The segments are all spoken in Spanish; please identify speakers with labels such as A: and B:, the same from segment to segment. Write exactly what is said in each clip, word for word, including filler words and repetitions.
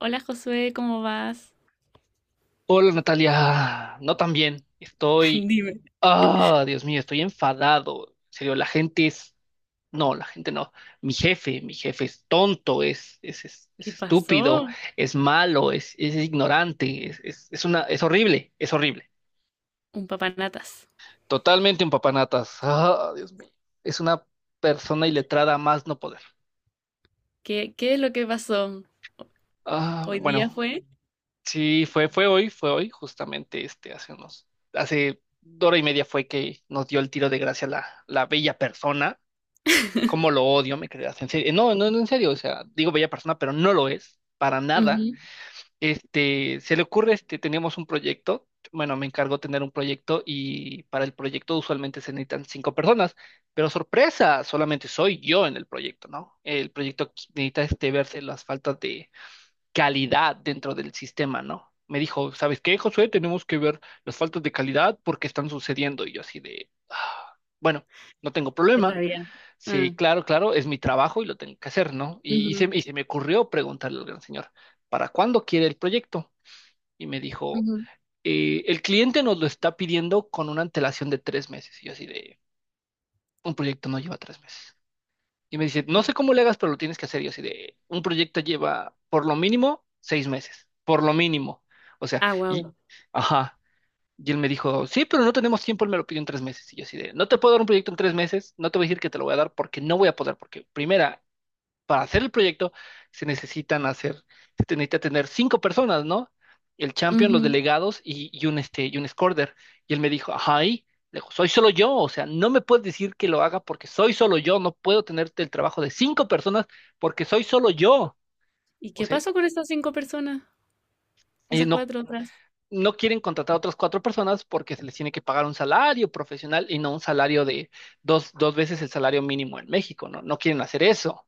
A: Hola Josué, ¿cómo vas?
B: Hola Natalia, no tan bien. Estoy,
A: Dime.
B: ah, Dios mío, estoy enfadado. En serio, la gente es, no, la gente no. Mi jefe, mi jefe es tonto, es, es, es,
A: ¿Qué
B: es estúpido,
A: pasó?
B: es malo, es, es ignorante, es, es, es una, es horrible, es horrible.
A: Un papanatas.
B: Totalmente un papanatas. Ah, Dios mío, es una persona iletrada a más no poder.
A: ¿Qué, qué es lo que pasó?
B: Ah,
A: ¿Hoy día
B: bueno,
A: fue?
B: sí, fue, fue hoy, fue hoy, justamente este, hace unos, hace hora y media fue que nos dio el tiro de gracia la, la bella persona. ¿Cómo lo odio? Me creas, en serio. No, no, no, en serio, o sea, digo bella persona, pero no lo es, para nada.
A: Ujú.
B: Este, se le ocurre, este, teníamos un proyecto, bueno, me encargó tener un proyecto y para el proyecto usualmente se necesitan cinco personas, pero sorpresa, solamente soy yo en el proyecto, ¿no? El proyecto necesita, este, verse las faltas calidad dentro del sistema, ¿no? Me dijo, ¿sabes qué, Josué? Tenemos que ver las faltas de calidad porque están sucediendo. Y yo así de, "Ah, bueno, no tengo
A: Qué
B: problema.
A: rabia.
B: Sí,
A: Ah,
B: claro, claro, es mi trabajo y lo tengo que hacer, ¿no? Y, y se,
A: ujú,
B: y se me ocurrió preguntarle al gran señor, ¿para cuándo quiere el proyecto? Y me dijo,
A: ujú.
B: "Eh, El cliente nos lo está pidiendo con una antelación de tres meses. Y yo así de, un proyecto no lleva tres meses. Y me dice, no sé cómo le hagas, pero lo tienes que hacer. Y yo así de, un proyecto lleva por lo mínimo seis meses, por lo mínimo. O sea,
A: Ah,
B: y,
A: wow.
B: ajá. Y él me dijo, sí, pero no tenemos tiempo, él me lo pidió en tres meses. Y yo así de, no te puedo dar un proyecto en tres meses, no te voy a decir que te lo voy a dar porque no voy a poder, porque primera, para hacer el proyecto se necesitan hacer, se te necesita tener cinco personas, ¿no? El champion, los delegados y, y un este, y un scorer. Y él me dijo, ay, le digo, soy solo yo, o sea, no me puedes decir que lo haga porque soy solo yo, no puedo tenerte el trabajo de cinco personas porque soy solo yo.
A: ¿Y
B: O
A: qué
B: sea,
A: pasó con esas cinco personas?
B: eh,
A: Esas
B: no,
A: cuatro otras.
B: no quieren contratar a otras cuatro personas porque se les tiene que pagar un salario profesional y no un salario de dos, dos veces el salario mínimo en México, ¿no? No quieren hacer eso.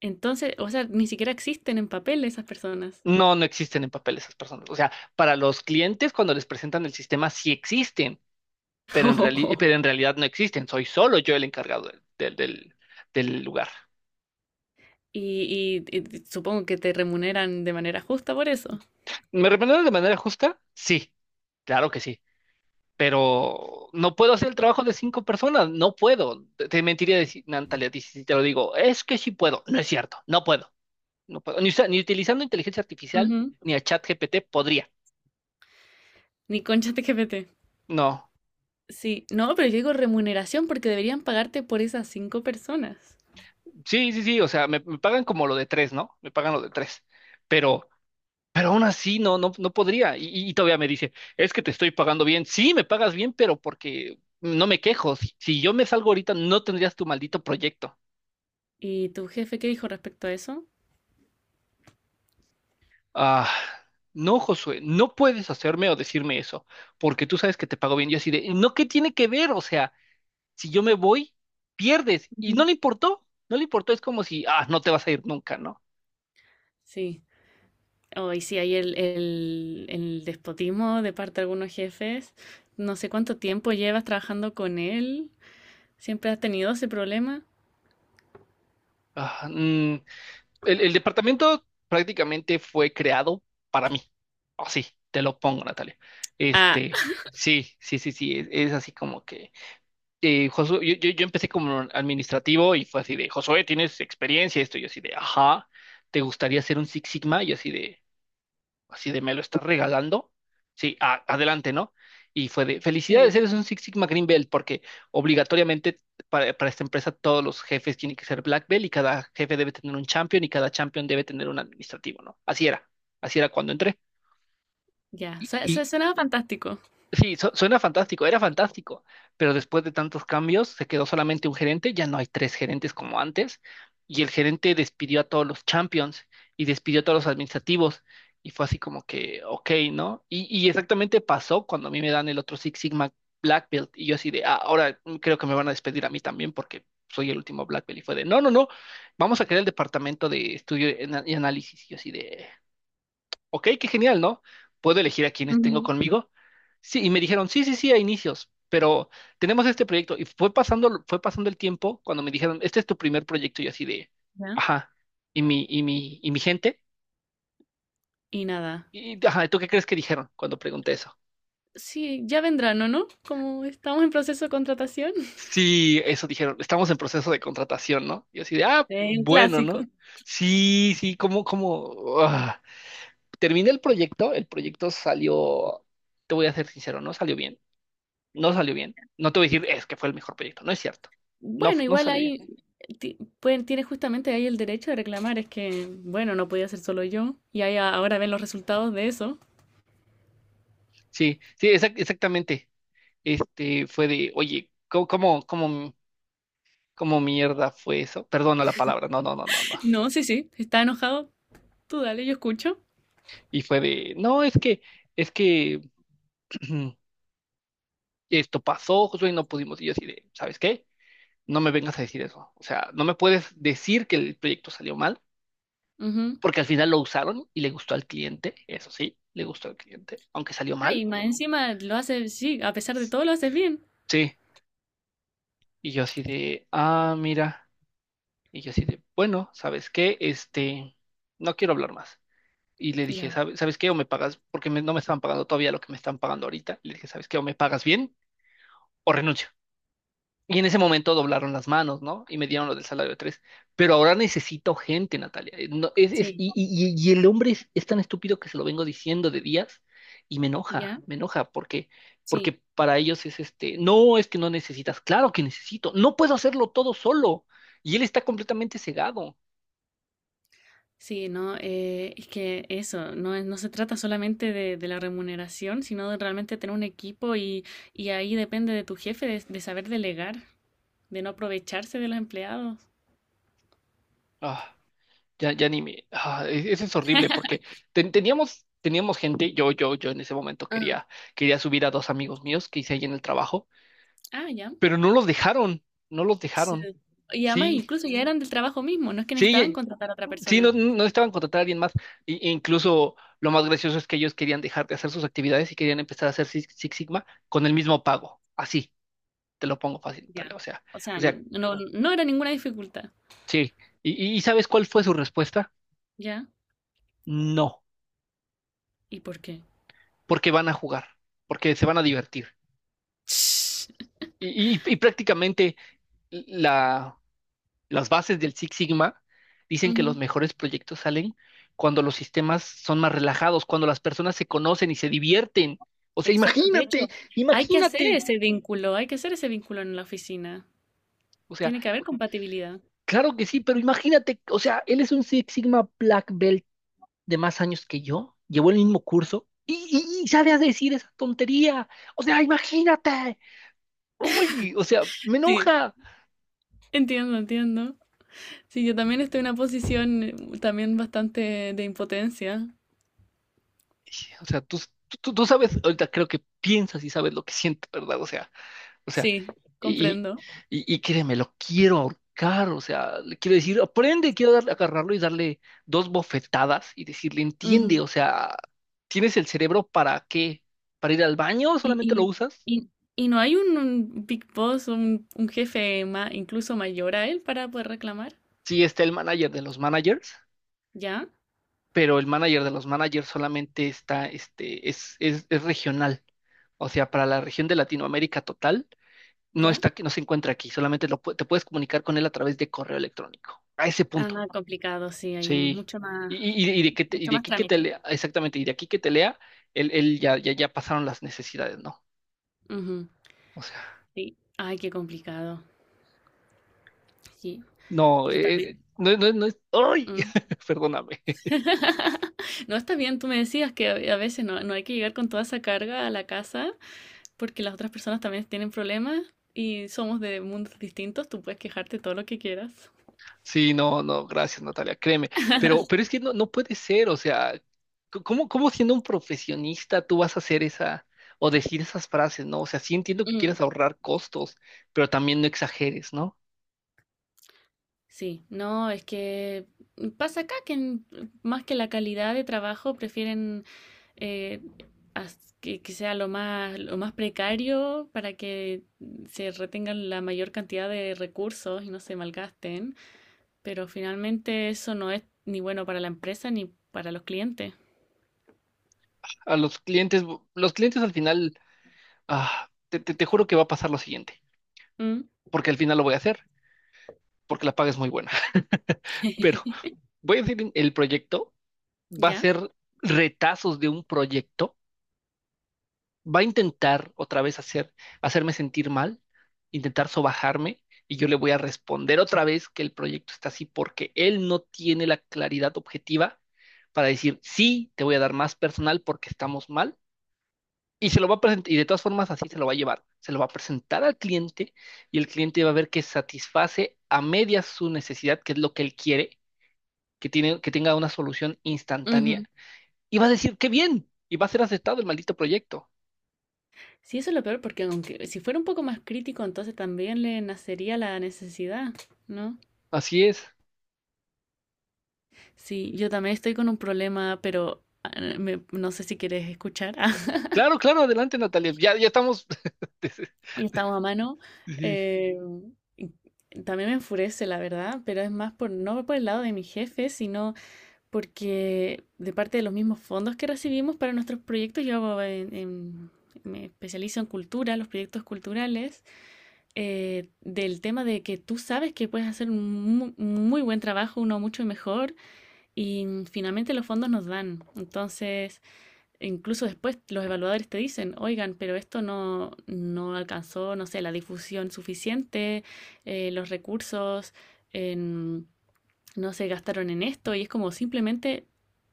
A: Entonces, o sea, ni siquiera existen en papel esas personas.
B: No, no existen en papel esas personas. O sea, para los clientes cuando les presentan el sistema sí existen, pero en reali- pero en realidad no existen. Soy solo yo el encargado del, del, del- del lugar.
A: Y, y- y supongo que te remuneran de manera justa por eso.
B: ¿Me remuneraron de manera justa? Sí, claro que sí. Pero no puedo hacer el trabajo de cinco personas, no puedo. Te te mentiría decir, Natalia, si si te lo digo, es que sí puedo. No es cierto, no puedo. No puedo. Ni, usa- ni utilizando inteligencia artificial
A: Ujú.
B: ni a ChatGPT podría.
A: Ni concha te G P T.
B: No.
A: Sí, no, pero yo digo remuneración porque deberían pagarte por esas cinco personas.
B: Sí, sí, sí, o sea, me, me pagan como lo de tres, ¿no? Me pagan lo de tres, pero, pero aún así no, no, no podría. Y, y- y todavía me dice, es que te estoy pagando bien. Sí, me pagas bien, pero porque no me quejo. Si, si yo me salgo ahorita, no tendrías tu maldito proyecto.
A: ¿Y tu jefe qué dijo respecto a eso?
B: Ah, no, Josué, no puedes hacerme o decirme eso, porque tú sabes que te pago bien. Yo así de, no, ¿qué tiene que ver? O sea, si yo me voy, pierdes. Y
A: Ujú.
B: no le importó, no le importó. Es como si, ah, no te vas a ir nunca, ¿no?
A: Sí, hoy sí hay el, el, el despotismo de parte de algunos jefes. No sé cuánto tiempo llevas trabajando con él. ¿Siempre has tenido ese problema?
B: Ah, mm, el, el departamento prácticamente fue creado para mí. Así, te lo pongo, Natalia.
A: Ah,
B: Este, sí, sí, sí, sí, es, es así como que eh, Josué, yo, yo, yo empecé como administrativo y fue así de, Josué, ¿tienes experiencia? Esto, yo así de, ajá, ¿te gustaría ser un Six Sigma? Yo así de, así de me lo estás regalando. Sí, a- adelante, ¿no? Y fue de
A: sí,
B: felicidades, eres un Six Sigma Green Belt, porque obligatoriamente para, para esta empresa todos los jefes tienen que ser Black Belt y cada jefe debe tener un champion y cada champion debe tener un administrativo, ¿no? Así era, así era cuando entré.
A: ya.
B: Y,
A: Su- su-
B: y,
A: Suena fantástico.
B: Sí, su- suena fantástico, era fantástico, pero después de tantos cambios se quedó solamente un gerente, ya no hay tres gerentes como antes, y el gerente despidió a todos los champions y despidió a todos los administrativos, y fue así como que, ok, ¿no? Y, y exactamente pasó cuando a mí me dan el otro Six Sigma Black Belt, y yo así de, ah, ahora creo que me van a despedir a mí también porque soy el último Black Belt, y fue de, no, no, no, vamos a crear el departamento de estudio y ana- y análisis, y yo así de ok, qué genial, ¿no? ¿Puedo elegir a quienes tengo
A: Ujú,
B: conmigo? Sí, y me dijeron, sí, sí, sí, a inicios, pero tenemos este proyecto. Y fue pasando, fue pasando el tiempo cuando me dijeron, este es tu primer proyecto, y así de,
A: ya.
B: ajá, y mi, y mi, y mi gente,
A: Y nada.
B: y ajá, ¿tú qué crees que dijeron cuando pregunté eso?
A: Sí, ya vendrán, ¿o no? Como estamos en proceso de contratación.
B: Sí, eso dijeron, estamos en proceso de contratación, ¿no? Y así de, ah,
A: Sí, un
B: bueno,
A: clásico.
B: ¿no? Sí, sí, como, como, terminé el proyecto, el proyecto salió, te voy a ser sincero, no salió bien. No salió bien. No te voy a decir, es que fue el mejor proyecto. No es cierto. No,
A: Bueno,
B: fu- no
A: igual
B: salió bien.
A: ahí ti- pueden, tienes justamente ahí el derecho de reclamar, es que, bueno, no podía ser solo yo, y ahí a- ahora ven los resultados de eso.
B: Sí, sí, exac- exactamente. Este fue de, oye, ¿cómo, cómo, cómo, cómo mierda fue eso? Perdona la palabra. No, no, no, no, no.
A: No, sí, sí, está enojado, tú dale, yo escucho.
B: Y fue de, no, es que, es que esto pasó, Josué, y no pudimos. Y yo así de, ¿sabes qué? No me vengas a decir eso. O sea, no me puedes decir que el proyecto salió mal,
A: Ujú.
B: porque al final lo usaron y le gustó al cliente. Eso sí, le gustó al cliente, aunque salió
A: Ah,
B: mal.
A: y más encima lo hace, sí, a pesar de todo lo haces bien.
B: Sí. Y yo así de, ah, mira. Y yo así de, bueno, ¿sabes qué? Este, no quiero hablar más. Y le dije,
A: Ya,
B: ¿sabes, ¿sabes qué? O me pagas, porque me- no me estaban pagando todavía lo que me están pagando ahorita. Le dije, ¿sabes qué? O me pagas bien o renuncio. Y en ese momento doblaron las manos, ¿no? Y me dieron lo del salario de tres. Pero ahora necesito gente, Natalia. Eh, No, es, es-
A: sí,
B: y, y- y- y el hombre es, es tan estúpido que se lo vengo diciendo de días y me
A: ya,
B: enoja, me enoja porque,
A: sí.
B: porque para ellos es este, no, es que no necesitas. Claro que necesito. No puedo hacerlo todo solo. Y él está completamente cegado.
A: Sí, no, eh, es que eso, no, es- no se trata solamente de, de la remuneración, sino de realmente tener un equipo y, y ahí depende de tu jefe de de saber delegar, de no aprovecharse de los empleados.
B: Ah. Ya, ya ni me. Ah, e- eso es horrible porque ten- teníamos, teníamos gente. Yo, yo, yo en ese momento quería, quería subir a dos amigos míos que hice ahí en el trabajo,
A: Ah, ya.
B: pero no los dejaron. No los
A: Sí.
B: dejaron.
A: Y además
B: Sí,
A: incluso ya eran del trabajo mismo, no es que
B: sí,
A: necesitaban
B: eh,
A: contratar a otra
B: sí,
A: persona.
B: no, no estaban contratar a alguien más. Y e incluso lo más gracioso es que ellos querían dejar de hacer sus actividades y querían empezar a hacer Six, Six Sigma con el mismo pago. Así, te lo pongo fácil,
A: Ya.
B: Natalia. O sea,
A: O sea,
B: o sea,
A: n- no, no era ninguna dificultad.
B: sí. ¿Y, y y sabes cuál fue su respuesta?
A: Ya.
B: No,
A: ¿Y por qué?
B: porque van a jugar, porque se van a divertir. Y, y- y prácticamente la, las bases del Six Sigma dicen que los
A: Ujú,
B: mejores proyectos salen cuando los sistemas son más relajados, cuando las personas se conocen y se divierten. O sea,
A: Exacto. De hecho,
B: imagínate,
A: hay que hacer
B: imagínate.
A: ese vínculo, hay que hacer ese vínculo en la oficina.
B: O sea,
A: Tiene que haber compatibilidad.
B: claro que sí, pero imagínate, o sea, él es un Six Sigma Black Belt de más años que yo, llevó el mismo curso y, y, y sale a decir esa tontería. O sea, imagínate. Uy, o sea, me
A: Sí,
B: enoja.
A: entiendo, entiendo. Sí, yo también estoy en una posición eh, también bastante de impotencia.
B: O sea, tú, tú, tú sabes, ahorita creo que piensas y sabes lo que siento, ¿verdad? O sea, o sea,
A: Sí,
B: y,
A: comprendo.
B: y, y créeme, lo quiero ahorcar, o sea, le quiero decir, aprende, quiero darle, agarrarlo y darle dos bofetadas y decirle, entiende, o sea, ¿tienes el cerebro para qué? ¿Para ir al baño?
A: Y,
B: ¿Solamente lo
A: y,
B: usas?
A: y, y no hay un, un big boss, un, un jefe ma- incluso mayor a él para poder reclamar.
B: Sí, está el manager de los managers,
A: ¿Ya?
B: pero el manager de los managers solamente está, este, es, es, es regional, o sea, para la región de Latinoamérica total no
A: ¿Ya?
B: está, aquí- no se encuentra aquí, solamente lo, pu- te puedes comunicar con él a través de correo electrónico. A ese punto,
A: Ah, complicado, sí, hay
B: sí.
A: mucho más,
B: Y, y- y de que te- y
A: mucho
B: de
A: más
B: aquí que te
A: trámite.
B: lea, exactamente, y de aquí que te lea, él, él ya, ya, ya pasaron las necesidades, ¿no?
A: Ujú,
B: O sea,
A: sí. Ay, qué complicado. Sí,
B: no,
A: yo
B: eh,
A: también.
B: no, no, no es, ¡ay!
A: Mm.
B: Perdóname.
A: No está bien, tú me decías que a a veces no, no hay que llegar con toda esa carga a la casa porque las otras personas también tienen problemas y somos de mundos distintos, tú puedes quejarte todo lo que quieras.
B: Sí, no, no, gracias, Natalia, créeme. Pero, pero es que no, no puede ser, o sea, c- ¿cómo, cómo siendo un profesionista tú vas a hacer esa o decir esas frases, ¿no? O sea, sí entiendo que quieras ahorrar costos, pero también no exageres, ¿no?
A: Sí, no, es que pasa acá que en- más que la calidad de trabajo prefieren eh, as- que, que sea lo más, lo más precario para que se retengan la mayor cantidad de recursos y no se malgasten, pero finalmente eso no es ni bueno para la empresa ni para los clientes.
B: A los clientes, los clientes al final, ah, te, te- te juro que va a pasar lo siguiente,
A: Mm,
B: porque al final lo voy a hacer, porque la paga es muy buena, pero voy a decir el proyecto, va a
A: ¿ya?
B: ser retazos de un proyecto, va a intentar otra vez hacer, hacerme sentir mal, intentar sobajarme, y yo le voy a responder otra vez que el proyecto está así porque él no tiene la claridad objetiva para decir, sí, te voy a dar más personal porque estamos mal. Y se lo va a presentar, y de todas formas así se lo va a llevar. Se lo va a presentar al cliente y el cliente va a ver que satisface a medias su necesidad, que es lo que él quiere, que tiene, que tenga una solución instantánea.
A: Ujú.
B: Y va a decir, qué bien, y va a ser aceptado el maldito proyecto.
A: Sí, eso es lo peor porque aunque si fuera un poco más crítico, entonces también le nacería la necesidad, ¿no?
B: Así es.
A: Sí, yo también estoy con un problema, pero ah, me- no sé si quieres escuchar.
B: Claro, claro, adelante, Natalia. Ya, ya estamos.
A: Y estamos a mano.
B: Sí.
A: eh, y también me enfurece, la verdad, pero es más por no por el lado de mi jefe, sino porque de parte de los mismos fondos que recibimos para nuestros proyectos, yo hago en- en- me especializo en cultura, los proyectos culturales, eh, del tema de que tú sabes que puedes hacer un mu- muy buen trabajo, uno mucho mejor, y finalmente los fondos nos dan. Entonces. Incluso después los evaluadores te dicen, oigan, pero esto no, no alcanzó, no sé, la difusión suficiente, eh, los recursos en- no se gastaron en esto y es como simplemente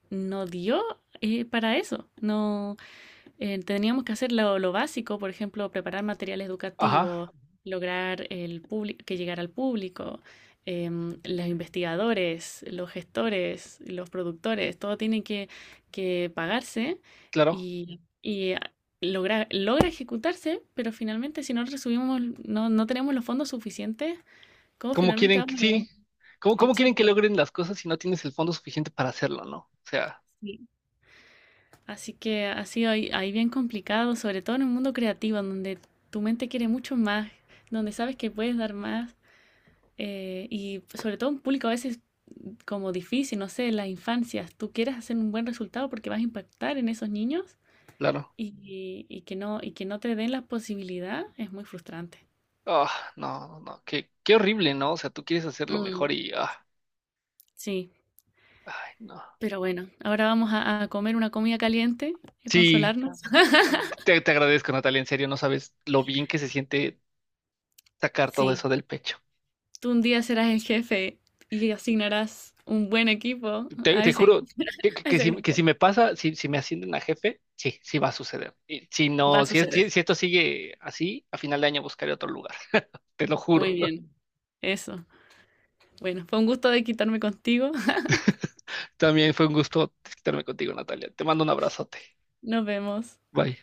A: no dio eh, para eso, no, eh, teníamos que hacer lo, lo básico, por ejemplo, preparar materiales
B: Ajá,
A: educativos, lograr el publi- que llegara al público, em, los investigadores, los gestores, los productores, todo tiene que, que pagarse
B: claro.
A: y, y, ah, logra, logra ejecutarse, pero finalmente si no recibimos, no, no tenemos los fondos suficientes, ¿cómo
B: ¿Cómo
A: finalmente
B: quieren que
A: vamos a lograr?
B: sí? ¿Cómo, cómo quieren
A: Exacto.
B: que logren las cosas si no tienes el fondo suficiente para hacerlo, no? O sea,
A: Así que ha sido ahí, ahí bien complicado, sobre todo en un mundo creativo, en donde tu mente quiere mucho más, donde sabes que puedes dar más, eh, y sobre todo un público a veces como difícil, no sé, en las infancias, tú quieres hacer un buen resultado porque vas a impactar en esos niños
B: claro.
A: y, y que no, y que no te den la posibilidad, es muy frustrante.
B: Ah, no, no, no, qué, qué horrible, ¿no? O sea, tú quieres hacerlo
A: Mm,
B: mejor y, ah,
A: sí,
B: ay, no.
A: pero bueno, ahora vamos a, a comer una comida caliente y a
B: Sí,
A: consolarnos.
B: te, te agradezco, Natalia, en serio, no sabes lo bien que se siente sacar todo
A: Sí.
B: eso del pecho.
A: Tú un día serás el jefe y asignarás un buen equipo
B: Te,
A: a
B: te
A: ese,
B: juro que, que,
A: a
B: que
A: ese
B: si, que
A: grupo.
B: si me pasa, si, si me ascienden a jefe, sí, sí va a suceder. Y si
A: Va a
B: no, si, es-
A: suceder.
B: si si esto sigue así, a final de año buscaré otro lugar, te lo
A: Muy
B: juro.
A: bien. Eso. Bueno, fue un gusto de quitarme contigo.
B: También fue un gusto estarme contigo, Natalia. Te mando un abrazote.
A: Nos vemos.
B: Bye.